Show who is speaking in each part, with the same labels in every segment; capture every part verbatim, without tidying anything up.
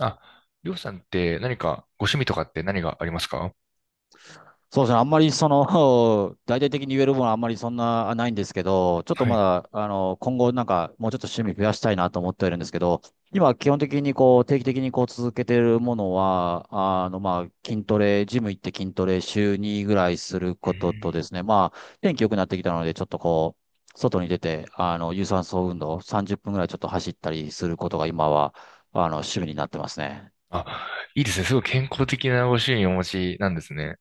Speaker 1: あ、りょうさんって何かご趣味とかって何がありますか？
Speaker 2: そうですね。あんまりその、大々的に言えるものはあんまりそんなないんですけど、ちょっと
Speaker 1: は
Speaker 2: ま
Speaker 1: い。
Speaker 2: だ、あの、今後なんかもうちょっと趣味増やしたいなと思ってはいるんですけど、今基本的にこう、定期的にこう続けてるものは、あの、まあ、筋トレ、ジム行って筋トレ週にぐらいする
Speaker 1: う
Speaker 2: ことと
Speaker 1: ーん。
Speaker 2: ですね、まあ、天気良くなってきたので、ちょっとこう、外に出て、あの、有酸素運動さんじゅっぷんぐらいちょっと走ったりすることが今は、あの、趣味になってますね。
Speaker 1: あ、いいですね。すごい健康的なご趣味をお持ちなんですね。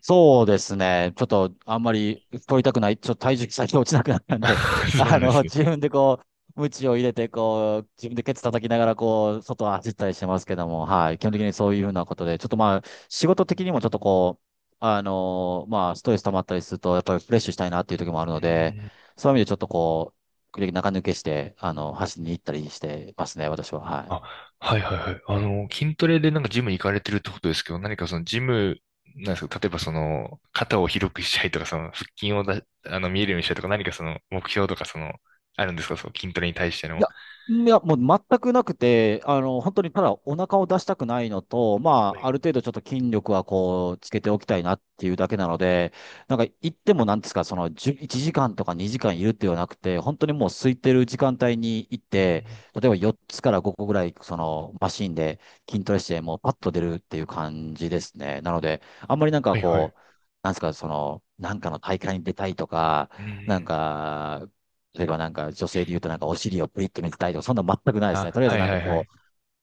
Speaker 2: そうですね。ちょっと、あんまり取りたくない。ちょっと体重先落ちなくなったんで、
Speaker 1: そうな
Speaker 2: あ
Speaker 1: んで
Speaker 2: の、
Speaker 1: すね。
Speaker 2: 自分でこう、鞭を入れて、こう、自分でケツ叩きながら、こう、外を走ったりしてますけども、はい。基本的にそういうふうなことで、ちょっとまあ、仕事的にもちょっとこう、あのまあ、ストレス溜まったりすると、やっぱりフレッシュしたいなっていう時もある
Speaker 1: う
Speaker 2: ので、
Speaker 1: ーん。
Speaker 2: そういう意味でちょっとこう、時々中抜けして、あの、走りに行ったりしてますね、私は。はい。
Speaker 1: あ、はいはいはい。あの、筋トレでなんかジムに行かれてるってことですけど、何かそのジム、なんですか、例えばその、肩を広くしたいとか、その、腹筋をだ、あの、見えるようにしたいとか、何かその、目標とか、その、あるんですか、その筋トレに対して
Speaker 2: い
Speaker 1: の。
Speaker 2: や、んいや、もう全くなくて、あの、本当にただお腹を出したくないのと、ま
Speaker 1: は
Speaker 2: あ、あ
Speaker 1: い。
Speaker 2: る程度ちょっと筋力はこう、つけておきたいなっていうだけなので、なんか行ってもなんですか、その、じゅいちじかんとかにじかんいるっていうのはなくて、本当にもう空いてる時間帯に行っ
Speaker 1: うー
Speaker 2: て、
Speaker 1: ん。
Speaker 2: 例えばよっつからごこぐらい、その、マシンで筋トレして、もうパッと出るっていう感じですね。なので、あんまりなんか
Speaker 1: はいはい。う
Speaker 2: こう、なんですか、その、なんかの大会に出たいとか、
Speaker 1: ー
Speaker 2: なん
Speaker 1: ん。
Speaker 2: か、例えばなんか女性で言うとなんかお尻をプリッと見せたいとか、そんな全くないですね。
Speaker 1: あ、
Speaker 2: とりあえず
Speaker 1: はい
Speaker 2: なん
Speaker 1: は
Speaker 2: か
Speaker 1: いは
Speaker 2: こ
Speaker 1: い。
Speaker 2: う、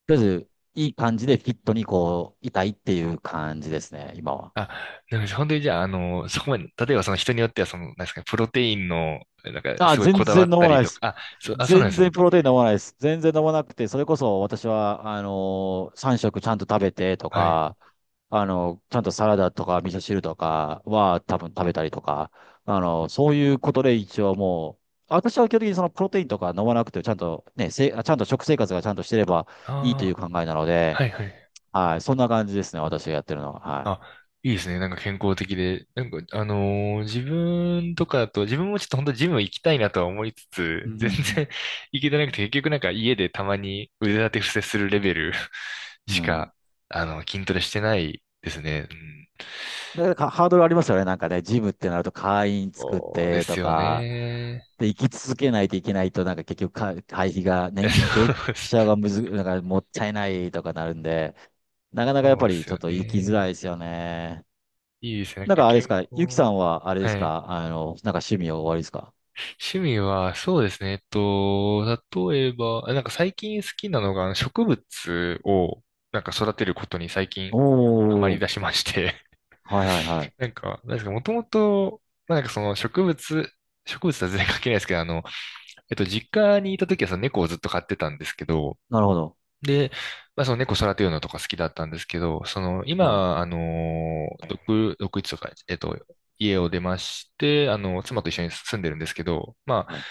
Speaker 2: とりあえずいい感じでフィットにこう、いたいっていう感じですね、今は。
Speaker 1: あ、なんか本当にじゃあ、あの、そこまで、例えばその人によっては、その、なんですかね、プロテインの、なんか、
Speaker 2: あ、
Speaker 1: すごい
Speaker 2: 全
Speaker 1: こだ
Speaker 2: 然
Speaker 1: わ
Speaker 2: 飲
Speaker 1: った
Speaker 2: まな
Speaker 1: り
Speaker 2: いで
Speaker 1: と
Speaker 2: す。
Speaker 1: か、あ、そう、あ、そうなん
Speaker 2: 全
Speaker 1: です
Speaker 2: 然
Speaker 1: ね。
Speaker 2: プロテイン飲まないです。全然飲まなくて、それこそ私は、あのー、さん食ちゃんと食べてと
Speaker 1: はい。
Speaker 2: か、あの、ちゃんとサラダとか味噌汁とかは多分食べたりとか、あの、そういうことで一応もう、私は基本的にそのプロテインとか飲まなくて、ちゃんとね、せ、あちゃんと食生活がちゃんとしてれば
Speaker 1: あ
Speaker 2: いいという考えなの
Speaker 1: あ、
Speaker 2: で、
Speaker 1: はいはい。
Speaker 2: はい、そんな感じですね、私がやってるのは。はい。
Speaker 1: あ、いいですね。なんか健康的で。なんか、あのー自分とかだと、自分もちょっと本当ジム行きたいなとは思いつ
Speaker 2: う
Speaker 1: つ、全然
Speaker 2: ん
Speaker 1: 行けてなくて、結局なんか家でたまに腕立て伏せするレベル
Speaker 2: う
Speaker 1: し
Speaker 2: んうん。
Speaker 1: か、あの、筋トレしてないですね。うん、
Speaker 2: だからかハードルありますよね。なんかね、ジムってなると会員作っ
Speaker 1: そうで
Speaker 2: て
Speaker 1: す
Speaker 2: と
Speaker 1: よ
Speaker 2: か、
Speaker 1: ね。
Speaker 2: で、生き続けないといけないと、なんか結局か、会費が
Speaker 1: え、
Speaker 2: ね、
Speaker 1: そ
Speaker 2: 年月
Speaker 1: うです。
Speaker 2: 謝がむず、なんかもったいないとかなるんで、なかなかやっ
Speaker 1: そう
Speaker 2: ぱ
Speaker 1: で
Speaker 2: り
Speaker 1: す
Speaker 2: ちょっ
Speaker 1: よ
Speaker 2: と行きづ
Speaker 1: ね。
Speaker 2: らいですよね。
Speaker 1: いいですね。なん
Speaker 2: なん
Speaker 1: か
Speaker 2: かあれです
Speaker 1: 健
Speaker 2: か、ゆきさ
Speaker 1: 康。
Speaker 2: んはあれです
Speaker 1: はい。
Speaker 2: か、あの、なんか趣味は終わりですか？
Speaker 1: 趣味は、そうですね。えっと、例えば、あ、なんか最近好きなのが、あの植物を、なんか育てることに最近
Speaker 2: お
Speaker 1: ハマり
Speaker 2: ー、
Speaker 1: 出しまして。
Speaker 2: はいはいはい。
Speaker 1: なんか、なんですか、もともと、まあ、なんかその植物、植物とは全然関係ないですけど、あの、えっと、実家にいた時はその猫をずっと飼ってたんですけど、
Speaker 2: なるほど。
Speaker 1: で、まあ、その猫育てるのとか好きだったんですけど、その
Speaker 2: はい。
Speaker 1: 今、あの、独、独立とか、えっと、家を出まして、あの、妻と一緒に住んでるんですけど、ま
Speaker 2: はい。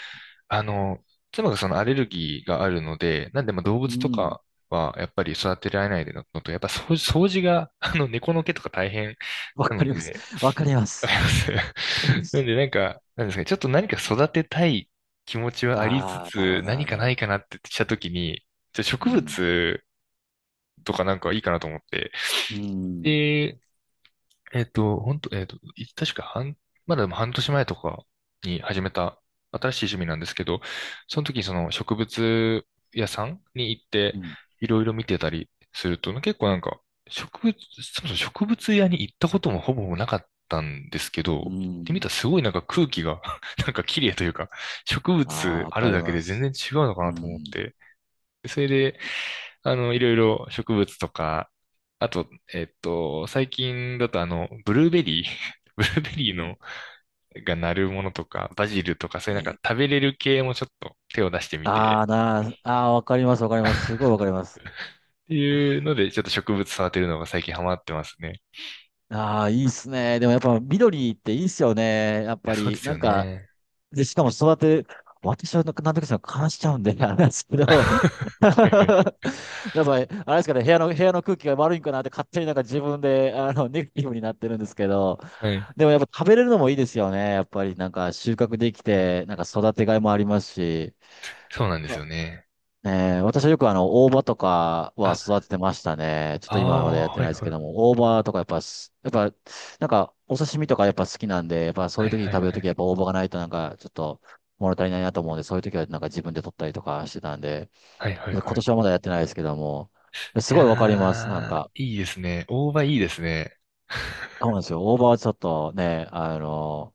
Speaker 1: あ、あの、妻がそのアレルギーがあるので、なんでまあ動
Speaker 2: う
Speaker 1: 物と
Speaker 2: ん。
Speaker 1: かはやっぱり育てられないのと、やっぱ掃除、掃除が、あの、猫の毛とか大変
Speaker 2: わ
Speaker 1: な
Speaker 2: か
Speaker 1: の
Speaker 2: ります。
Speaker 1: で、
Speaker 2: わかりま
Speaker 1: わ
Speaker 2: す。
Speaker 1: かります。
Speaker 2: わかりま
Speaker 1: なん
Speaker 2: す。
Speaker 1: でなんか、なんですかね、ちょっと何か育てたい気持ちはありつ
Speaker 2: ああ、なるほ
Speaker 1: つ、
Speaker 2: ど、なる
Speaker 1: 何
Speaker 2: ほ
Speaker 1: かな
Speaker 2: ど。
Speaker 1: いかなってしたときに、じゃあ
Speaker 2: う
Speaker 1: 植
Speaker 2: ん。
Speaker 1: 物とかなんかいいかなと思って。
Speaker 2: うん。
Speaker 1: で、えっと、本当えっと、い確か半、まだでも半年前とかに始めた新しい趣味なんですけど、その時にその植物屋さんに行っ
Speaker 2: う
Speaker 1: て
Speaker 2: ん。
Speaker 1: いろいろ見てたりすると、結構なんか植物、そもそも植物屋に行ったこともほぼなかったんですけど、
Speaker 2: う
Speaker 1: 行ってみ
Speaker 2: ん。
Speaker 1: たらすごいなんか空気が なんか綺麗というか、植
Speaker 2: ああ、
Speaker 1: 物
Speaker 2: わ
Speaker 1: あ
Speaker 2: か
Speaker 1: る
Speaker 2: り
Speaker 1: だけ
Speaker 2: ま
Speaker 1: で全
Speaker 2: す。
Speaker 1: 然違うのか
Speaker 2: う
Speaker 1: なと思っ
Speaker 2: ん。
Speaker 1: て、でそれであの、いろいろ植物とか、あと、えっと、最近だとあの、ブルーベリー、ブルーベ
Speaker 2: う
Speaker 1: リー
Speaker 2: ん。
Speaker 1: の、がなるものとか、バジルとか、そ
Speaker 2: え
Speaker 1: ういうなんか
Speaker 2: ー
Speaker 1: 食べれる系もちょっと手を出してみ
Speaker 2: あ
Speaker 1: て、
Speaker 2: あ、なあ、あーわかります、わかります。すごいわかります。
Speaker 1: っていうので、ちょっと植物育てるのが最近ハマってますね。
Speaker 2: ああ、いいっすね。でもやっぱ緑っていいっすよね。やっ
Speaker 1: いや、
Speaker 2: ぱ
Speaker 1: そうで
Speaker 2: り、
Speaker 1: す
Speaker 2: な
Speaker 1: よ
Speaker 2: んか、
Speaker 1: ね。
Speaker 2: で、しかも育て、私はなんかなんとかさ、悲しちゃうんで、あれなんですけ ど、
Speaker 1: はい
Speaker 2: やっぱり、あれですかね、部屋の、部屋の空気が悪いんかなって勝手になんか自分で、あの、ネガティブになってるんですけど、
Speaker 1: はい。はい。
Speaker 2: でもやっぱ食べれるのもいいですよね。やっぱりなんか収穫できて、なんか育てがいもありますし。
Speaker 1: そうなんですよね。
Speaker 2: えー、私はよくあの、大葉とかは
Speaker 1: あ、
Speaker 2: 育ててましたね。ちょっ
Speaker 1: あ
Speaker 2: と今までやっ
Speaker 1: あ、
Speaker 2: て
Speaker 1: は
Speaker 2: ない
Speaker 1: い
Speaker 2: です
Speaker 1: は
Speaker 2: けど
Speaker 1: い。
Speaker 2: も、大葉とかやっぱす、やっぱ、なんか、お刺身とかやっぱ好きなんで、やっぱそう
Speaker 1: は
Speaker 2: いう
Speaker 1: い
Speaker 2: 時に
Speaker 1: は
Speaker 2: 食
Speaker 1: い
Speaker 2: べる
Speaker 1: は
Speaker 2: 時は
Speaker 1: い。
Speaker 2: やっぱ大葉がないとなんか、ちょっと物足りないなと思うんで、そういう時はなんか自分で取ったりとかしてたんで、
Speaker 1: はいはい
Speaker 2: 今
Speaker 1: はい。
Speaker 2: 年はまだやってないですけども、す
Speaker 1: い
Speaker 2: ごいわかります。なん
Speaker 1: やー、
Speaker 2: か、
Speaker 1: いいですね。大葉いいですね。
Speaker 2: そう なんですよ。大葉はちょっとね、あの、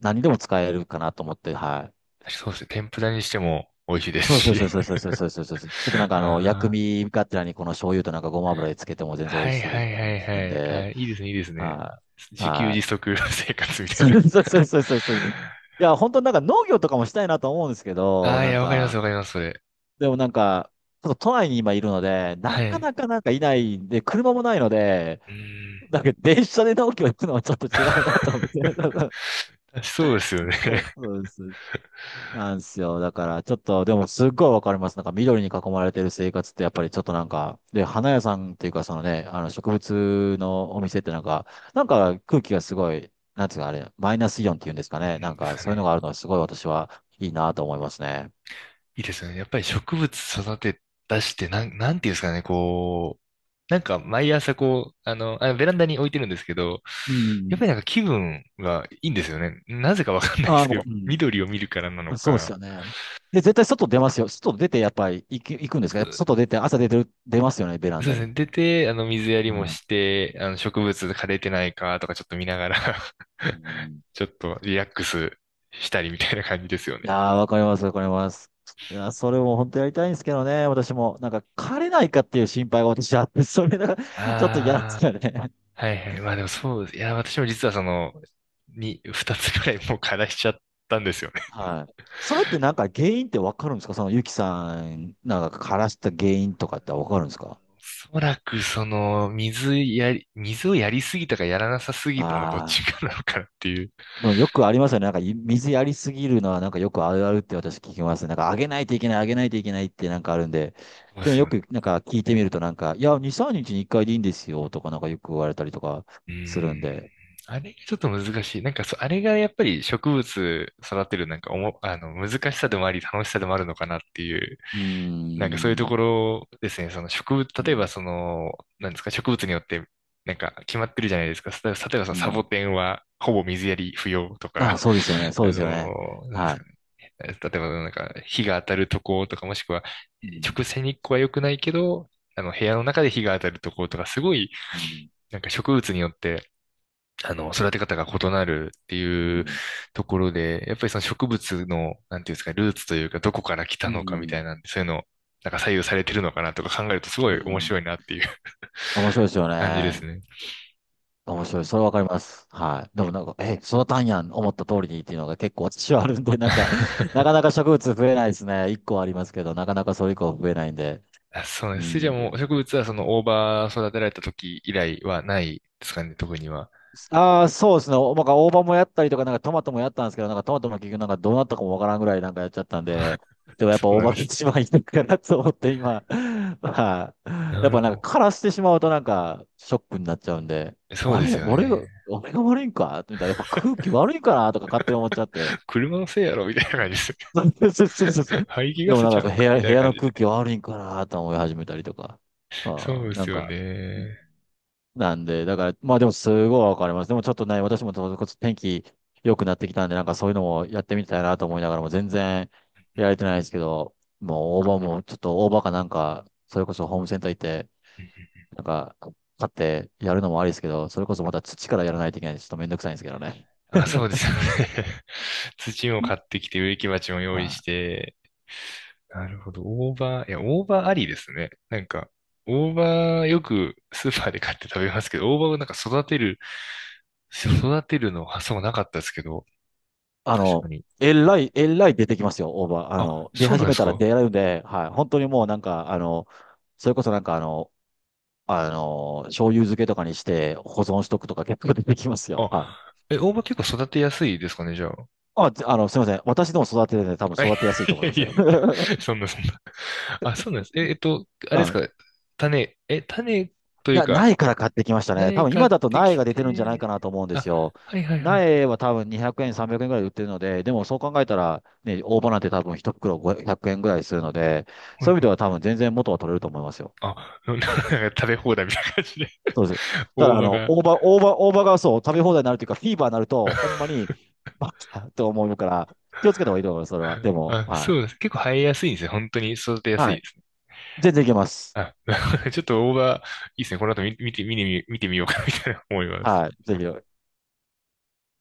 Speaker 2: 何でも使えるかなと思って、はい。
Speaker 1: そうですね。天ぷらにしても美味しいです
Speaker 2: そうそう
Speaker 1: し。
Speaker 2: そうそうそうそうそうですそうですそう。ちょっとなん かあの、薬
Speaker 1: あ
Speaker 2: 味がてらにこの醤油となんかごま油でつけても全
Speaker 1: あ、
Speaker 2: 然美
Speaker 1: は
Speaker 2: 味
Speaker 1: い
Speaker 2: しい
Speaker 1: は
Speaker 2: っ
Speaker 1: い
Speaker 2: ていうの
Speaker 1: は
Speaker 2: を
Speaker 1: い
Speaker 2: 聞くん
Speaker 1: はい。あ
Speaker 2: で、
Speaker 1: ー、いいですね、いいですね。
Speaker 2: はい。
Speaker 1: 自給
Speaker 2: は
Speaker 1: 自
Speaker 2: い。
Speaker 1: 足 生活みたい
Speaker 2: そ
Speaker 1: な。
Speaker 2: うそう そうそうそうそう。いや、本当になんか農業とかもしたいなと思うんですけ
Speaker 1: あ
Speaker 2: ど、
Speaker 1: あ、い
Speaker 2: なん
Speaker 1: や、わかります
Speaker 2: か、
Speaker 1: わかります、それ。
Speaker 2: でもなんか、ちょっと都内に今いるので、
Speaker 1: は
Speaker 2: なか
Speaker 1: い。
Speaker 2: なかなんかいないんで、車もないので、
Speaker 1: うーん。
Speaker 2: なんか電車で農業行くのはちょっと違うなと思って。
Speaker 1: そうですよね。
Speaker 2: そうそうです。なんですよ。だから、ちょっと、でも、すっごいわかります。なんか、緑に囲まれてる生活って、やっぱりちょっとなんか、で、花屋さんっていうか、そのね、あの、植物のお店ってなんか、なんか空気がすごい、なんつうか、あれ、マイナスイオンっていうんですか
Speaker 1: う
Speaker 2: ね。なん
Speaker 1: ん、です
Speaker 2: か、
Speaker 1: か
Speaker 2: そういうの
Speaker 1: ね。
Speaker 2: があるのは、すごい私はいいなと思いますね。
Speaker 1: いいですよね。やっぱり植物育て出して、なん、なんていうんですかね、こう、なんか毎朝こう、あの、あベランダに置いてるんですけど、
Speaker 2: う
Speaker 1: やっ
Speaker 2: ん。
Speaker 1: ぱりなんか気分がいいんですよね。なぜかわかんないで
Speaker 2: あ
Speaker 1: す
Speaker 2: あ、
Speaker 1: けど、
Speaker 2: もう うん。
Speaker 1: 緑を見るからなの
Speaker 2: そうですよ
Speaker 1: か。
Speaker 2: ね。で、絶対外出ますよ。外出て、やっぱり行く、行くんで
Speaker 1: そ、
Speaker 2: すか
Speaker 1: そ
Speaker 2: やっぱ外出て、朝出てる、出ますよね、ベラ
Speaker 1: う
Speaker 2: ン
Speaker 1: で
Speaker 2: ダ
Speaker 1: す
Speaker 2: に。
Speaker 1: ね。出て、あの、水やり
Speaker 2: う
Speaker 1: も
Speaker 2: ん
Speaker 1: して、あの、植物枯れてないかとかちょっと見ながら
Speaker 2: う ん
Speaker 1: ちょっとリラックスしたりみたいな感じですよね。
Speaker 2: ああ、わかります、わかります。いや、それも本当やりたいんですけどね、私も。なんか、枯れないかっていう心配が私あって、それがちょっと嫌なんで
Speaker 1: ああ。
Speaker 2: すよね。
Speaker 1: はいはい。まあでもそうです。いや、私も実はその、に、二つぐらいもう課題しちゃったんですよね。
Speaker 2: はい。それってなんか原因ってわかるんですか？そのゆきさん、なんか枯らした原因とかってわかるんですか？
Speaker 1: おそらくその、水やり、水をやりすぎたかやらなさすぎたのどっち
Speaker 2: ああ、
Speaker 1: かなのかなっていう。
Speaker 2: でもよくありますよね。なんかい水やりすぎるのはなんかよくあるあるって私聞きますね。なんかあげないといけない、あげないといけないってなんかあるんで。
Speaker 1: そうで
Speaker 2: でも
Speaker 1: す
Speaker 2: よ
Speaker 1: よね。
Speaker 2: くなんか聞いてみるとなんか、いや、に、みっかにいっかいでいいんですよとかなんかよく言われたりとか
Speaker 1: うー
Speaker 2: するん
Speaker 1: ん。
Speaker 2: で。
Speaker 1: あれがちょっと難しい。なんかそう、あれがやっぱり植物育てるなんかおも、あの、難しさでもあり、楽しさでもあるのかなっていう、
Speaker 2: うー
Speaker 1: なんかそういうと
Speaker 2: ん。
Speaker 1: ころですね、その植
Speaker 2: う
Speaker 1: 物、例えば
Speaker 2: ん。
Speaker 1: その、なんですか、植物によって、なんか決まってるじゃないですか。例えば、例えばその
Speaker 2: う
Speaker 1: サボ
Speaker 2: ん。
Speaker 1: テンはほぼ水やり不要と
Speaker 2: ああ、
Speaker 1: か、
Speaker 2: そうですよね。そ
Speaker 1: あ
Speaker 2: うで
Speaker 1: の
Speaker 2: すよね。
Speaker 1: ー、なんです
Speaker 2: は
Speaker 1: か
Speaker 2: い。
Speaker 1: ね。例えばなんか日が当たるとことか、もしくは
Speaker 2: うん。
Speaker 1: 直射日光は良くないけど、あの部屋の中で日が当たるとことか、すごい
Speaker 2: うん。
Speaker 1: なんか植物によってあの、育て方が異なるって
Speaker 2: う
Speaker 1: いう
Speaker 2: ん。
Speaker 1: ところで、やっぱりその植物の、なんていうんですか、ルーツというか、どこから来
Speaker 2: う
Speaker 1: たのかみたい
Speaker 2: ん。
Speaker 1: なんで、そういうの、なんか左右されてるのかなとか考えるとすご
Speaker 2: う
Speaker 1: い面
Speaker 2: ん。
Speaker 1: 白いなっていう
Speaker 2: 面白いですよ
Speaker 1: 感じで
Speaker 2: ね。
Speaker 1: すね。
Speaker 2: 面白い。それわかります。はい。でもなんか、え、育たんやん、思った通りにっていうのが結構私はあるんで、なんか、なか なか植物増えないですね。一個はありますけど、なかなかそれ以降増えないんで。
Speaker 1: あ、そうで
Speaker 2: う
Speaker 1: す。じゃあ
Speaker 2: ん。
Speaker 1: もう植物はその大葉育てられた時以来はないですかね、特には。
Speaker 2: ああ、そうですね。おなんか大葉もやったりとか、なんかトマトもやったんですけど、なんかトマトも結局なんかどうなったかもわからんぐらいなんかやっちゃったんで、でもやっ
Speaker 1: そ
Speaker 2: ぱ
Speaker 1: う
Speaker 2: 大
Speaker 1: なん
Speaker 2: 葉
Speaker 1: で
Speaker 2: が
Speaker 1: すね。
Speaker 2: 一番いいのかなと思って今、はい。や
Speaker 1: な
Speaker 2: っ
Speaker 1: る
Speaker 2: ぱなん
Speaker 1: ほ
Speaker 2: か枯らしてしまうとなんかショックになっちゃうんで、
Speaker 1: ど。そう
Speaker 2: あ
Speaker 1: で
Speaker 2: れ、
Speaker 1: すよ
Speaker 2: 俺が、
Speaker 1: ね。
Speaker 2: 俺が悪いんかみたいな、やっぱ空気悪いかなとか勝手に思っちゃって。
Speaker 1: 車のせいやろみたいな感じです。
Speaker 2: そうそうそうそうそ う。
Speaker 1: 排気
Speaker 2: で
Speaker 1: ガ
Speaker 2: も
Speaker 1: ス
Speaker 2: な
Speaker 1: ち
Speaker 2: ん
Speaker 1: ゃ
Speaker 2: か
Speaker 1: う
Speaker 2: や
Speaker 1: ん
Speaker 2: っぱ部
Speaker 1: かみ
Speaker 2: 屋、
Speaker 1: たい
Speaker 2: 部
Speaker 1: な
Speaker 2: 屋
Speaker 1: 感
Speaker 2: の
Speaker 1: じ
Speaker 2: 空
Speaker 1: で。
Speaker 2: 気悪いんかなと思い始めたりとか、
Speaker 1: そ
Speaker 2: あ
Speaker 1: う
Speaker 2: あ、
Speaker 1: で
Speaker 2: な
Speaker 1: す
Speaker 2: ん
Speaker 1: よ
Speaker 2: か、
Speaker 1: ね。
Speaker 2: なんで、だから、まあでもすごいわかります。でもちょっとね、私もちょっと天気良くなってきたんで、なんかそういうのもやってみたいなと思いながらも全然やれてないですけど、もう大葉も、ちょっと大葉かなんか、それこそホームセンター行って、
Speaker 1: うんうん。
Speaker 2: なんか買ってやるのもありですけど、それこそまた土からやらないといけないんで、ちょっとめんどくさいんですけどね。
Speaker 1: あ、そうですよね。土も買ってきて、植木鉢も
Speaker 2: は
Speaker 1: 用意し
Speaker 2: い。
Speaker 1: て、なるほど。大葉、いや、大葉ありですね。なんか、大葉よくスーパーで買って食べますけど、大葉をなんか育てる、育てるの発想がなかったですけど、
Speaker 2: あ
Speaker 1: 確か
Speaker 2: の、
Speaker 1: に。
Speaker 2: えらい、えらい出てきますよ、大葉。あ
Speaker 1: あ、
Speaker 2: の、出
Speaker 1: そうなん
Speaker 2: 始
Speaker 1: で
Speaker 2: め
Speaker 1: す
Speaker 2: たら
Speaker 1: か？
Speaker 2: 出るんで、はい。本当にもうなんか、あの、それこそなんかあの、あの、醤油漬けとかにして保存しとくとか結構出てきますよ。
Speaker 1: あ、
Speaker 2: はい。
Speaker 1: え、大葉結構育てやすいですかね、じゃあ。
Speaker 2: あ、あの、すみません。私でも育ててるんで多分
Speaker 1: あ、い
Speaker 2: 育てやすいと思い
Speaker 1: や
Speaker 2: ま
Speaker 1: い
Speaker 2: す
Speaker 1: や、
Speaker 2: よ。
Speaker 1: そんなそんな。あ、そうなんです。え、えっと、あれ
Speaker 2: う
Speaker 1: です
Speaker 2: ん。
Speaker 1: か、種、え、種と
Speaker 2: い
Speaker 1: いう
Speaker 2: や、
Speaker 1: か、
Speaker 2: 苗から買ってきましたね。多
Speaker 1: 苗
Speaker 2: 分
Speaker 1: 買っ
Speaker 2: 今だと
Speaker 1: て
Speaker 2: 苗
Speaker 1: き
Speaker 2: が出てるんじゃない
Speaker 1: て、
Speaker 2: かなと思うんで
Speaker 1: あ、
Speaker 2: すよ。
Speaker 1: はいはいはいは
Speaker 2: 苗
Speaker 1: い。
Speaker 2: は多分にひゃくえん、さんびゃくえんぐらいで売ってるので、でもそう考えたら、ね、大葉なんて多分一袋ごひゃくえんぐらいするので、
Speaker 1: うんう
Speaker 2: そういう意味で
Speaker 1: ん。
Speaker 2: は多分全然元は取れると思いますよ。
Speaker 1: あ、な、なんか食べ放題みたいな感じで、
Speaker 2: そうです。だか
Speaker 1: 大
Speaker 2: ら、あ
Speaker 1: 葉
Speaker 2: の、
Speaker 1: が。
Speaker 2: 大葉、大葉、大葉がそう、食べ放題になるというか、フィーバーになると、ほん まに、バカと思うから、気をつけた方がいいと思います、それは。でも、
Speaker 1: あ、
Speaker 2: は
Speaker 1: そ
Speaker 2: い。
Speaker 1: うです。結構生えやすいんですね。本当に育てやす
Speaker 2: は
Speaker 1: いで
Speaker 2: い。
Speaker 1: すね。
Speaker 2: 全然いけます。
Speaker 1: あ、なるほど。ちょっと大葉、いいですね。この後見、見て、見て見てみようかなみたいな思います。
Speaker 2: はい。ぜひ。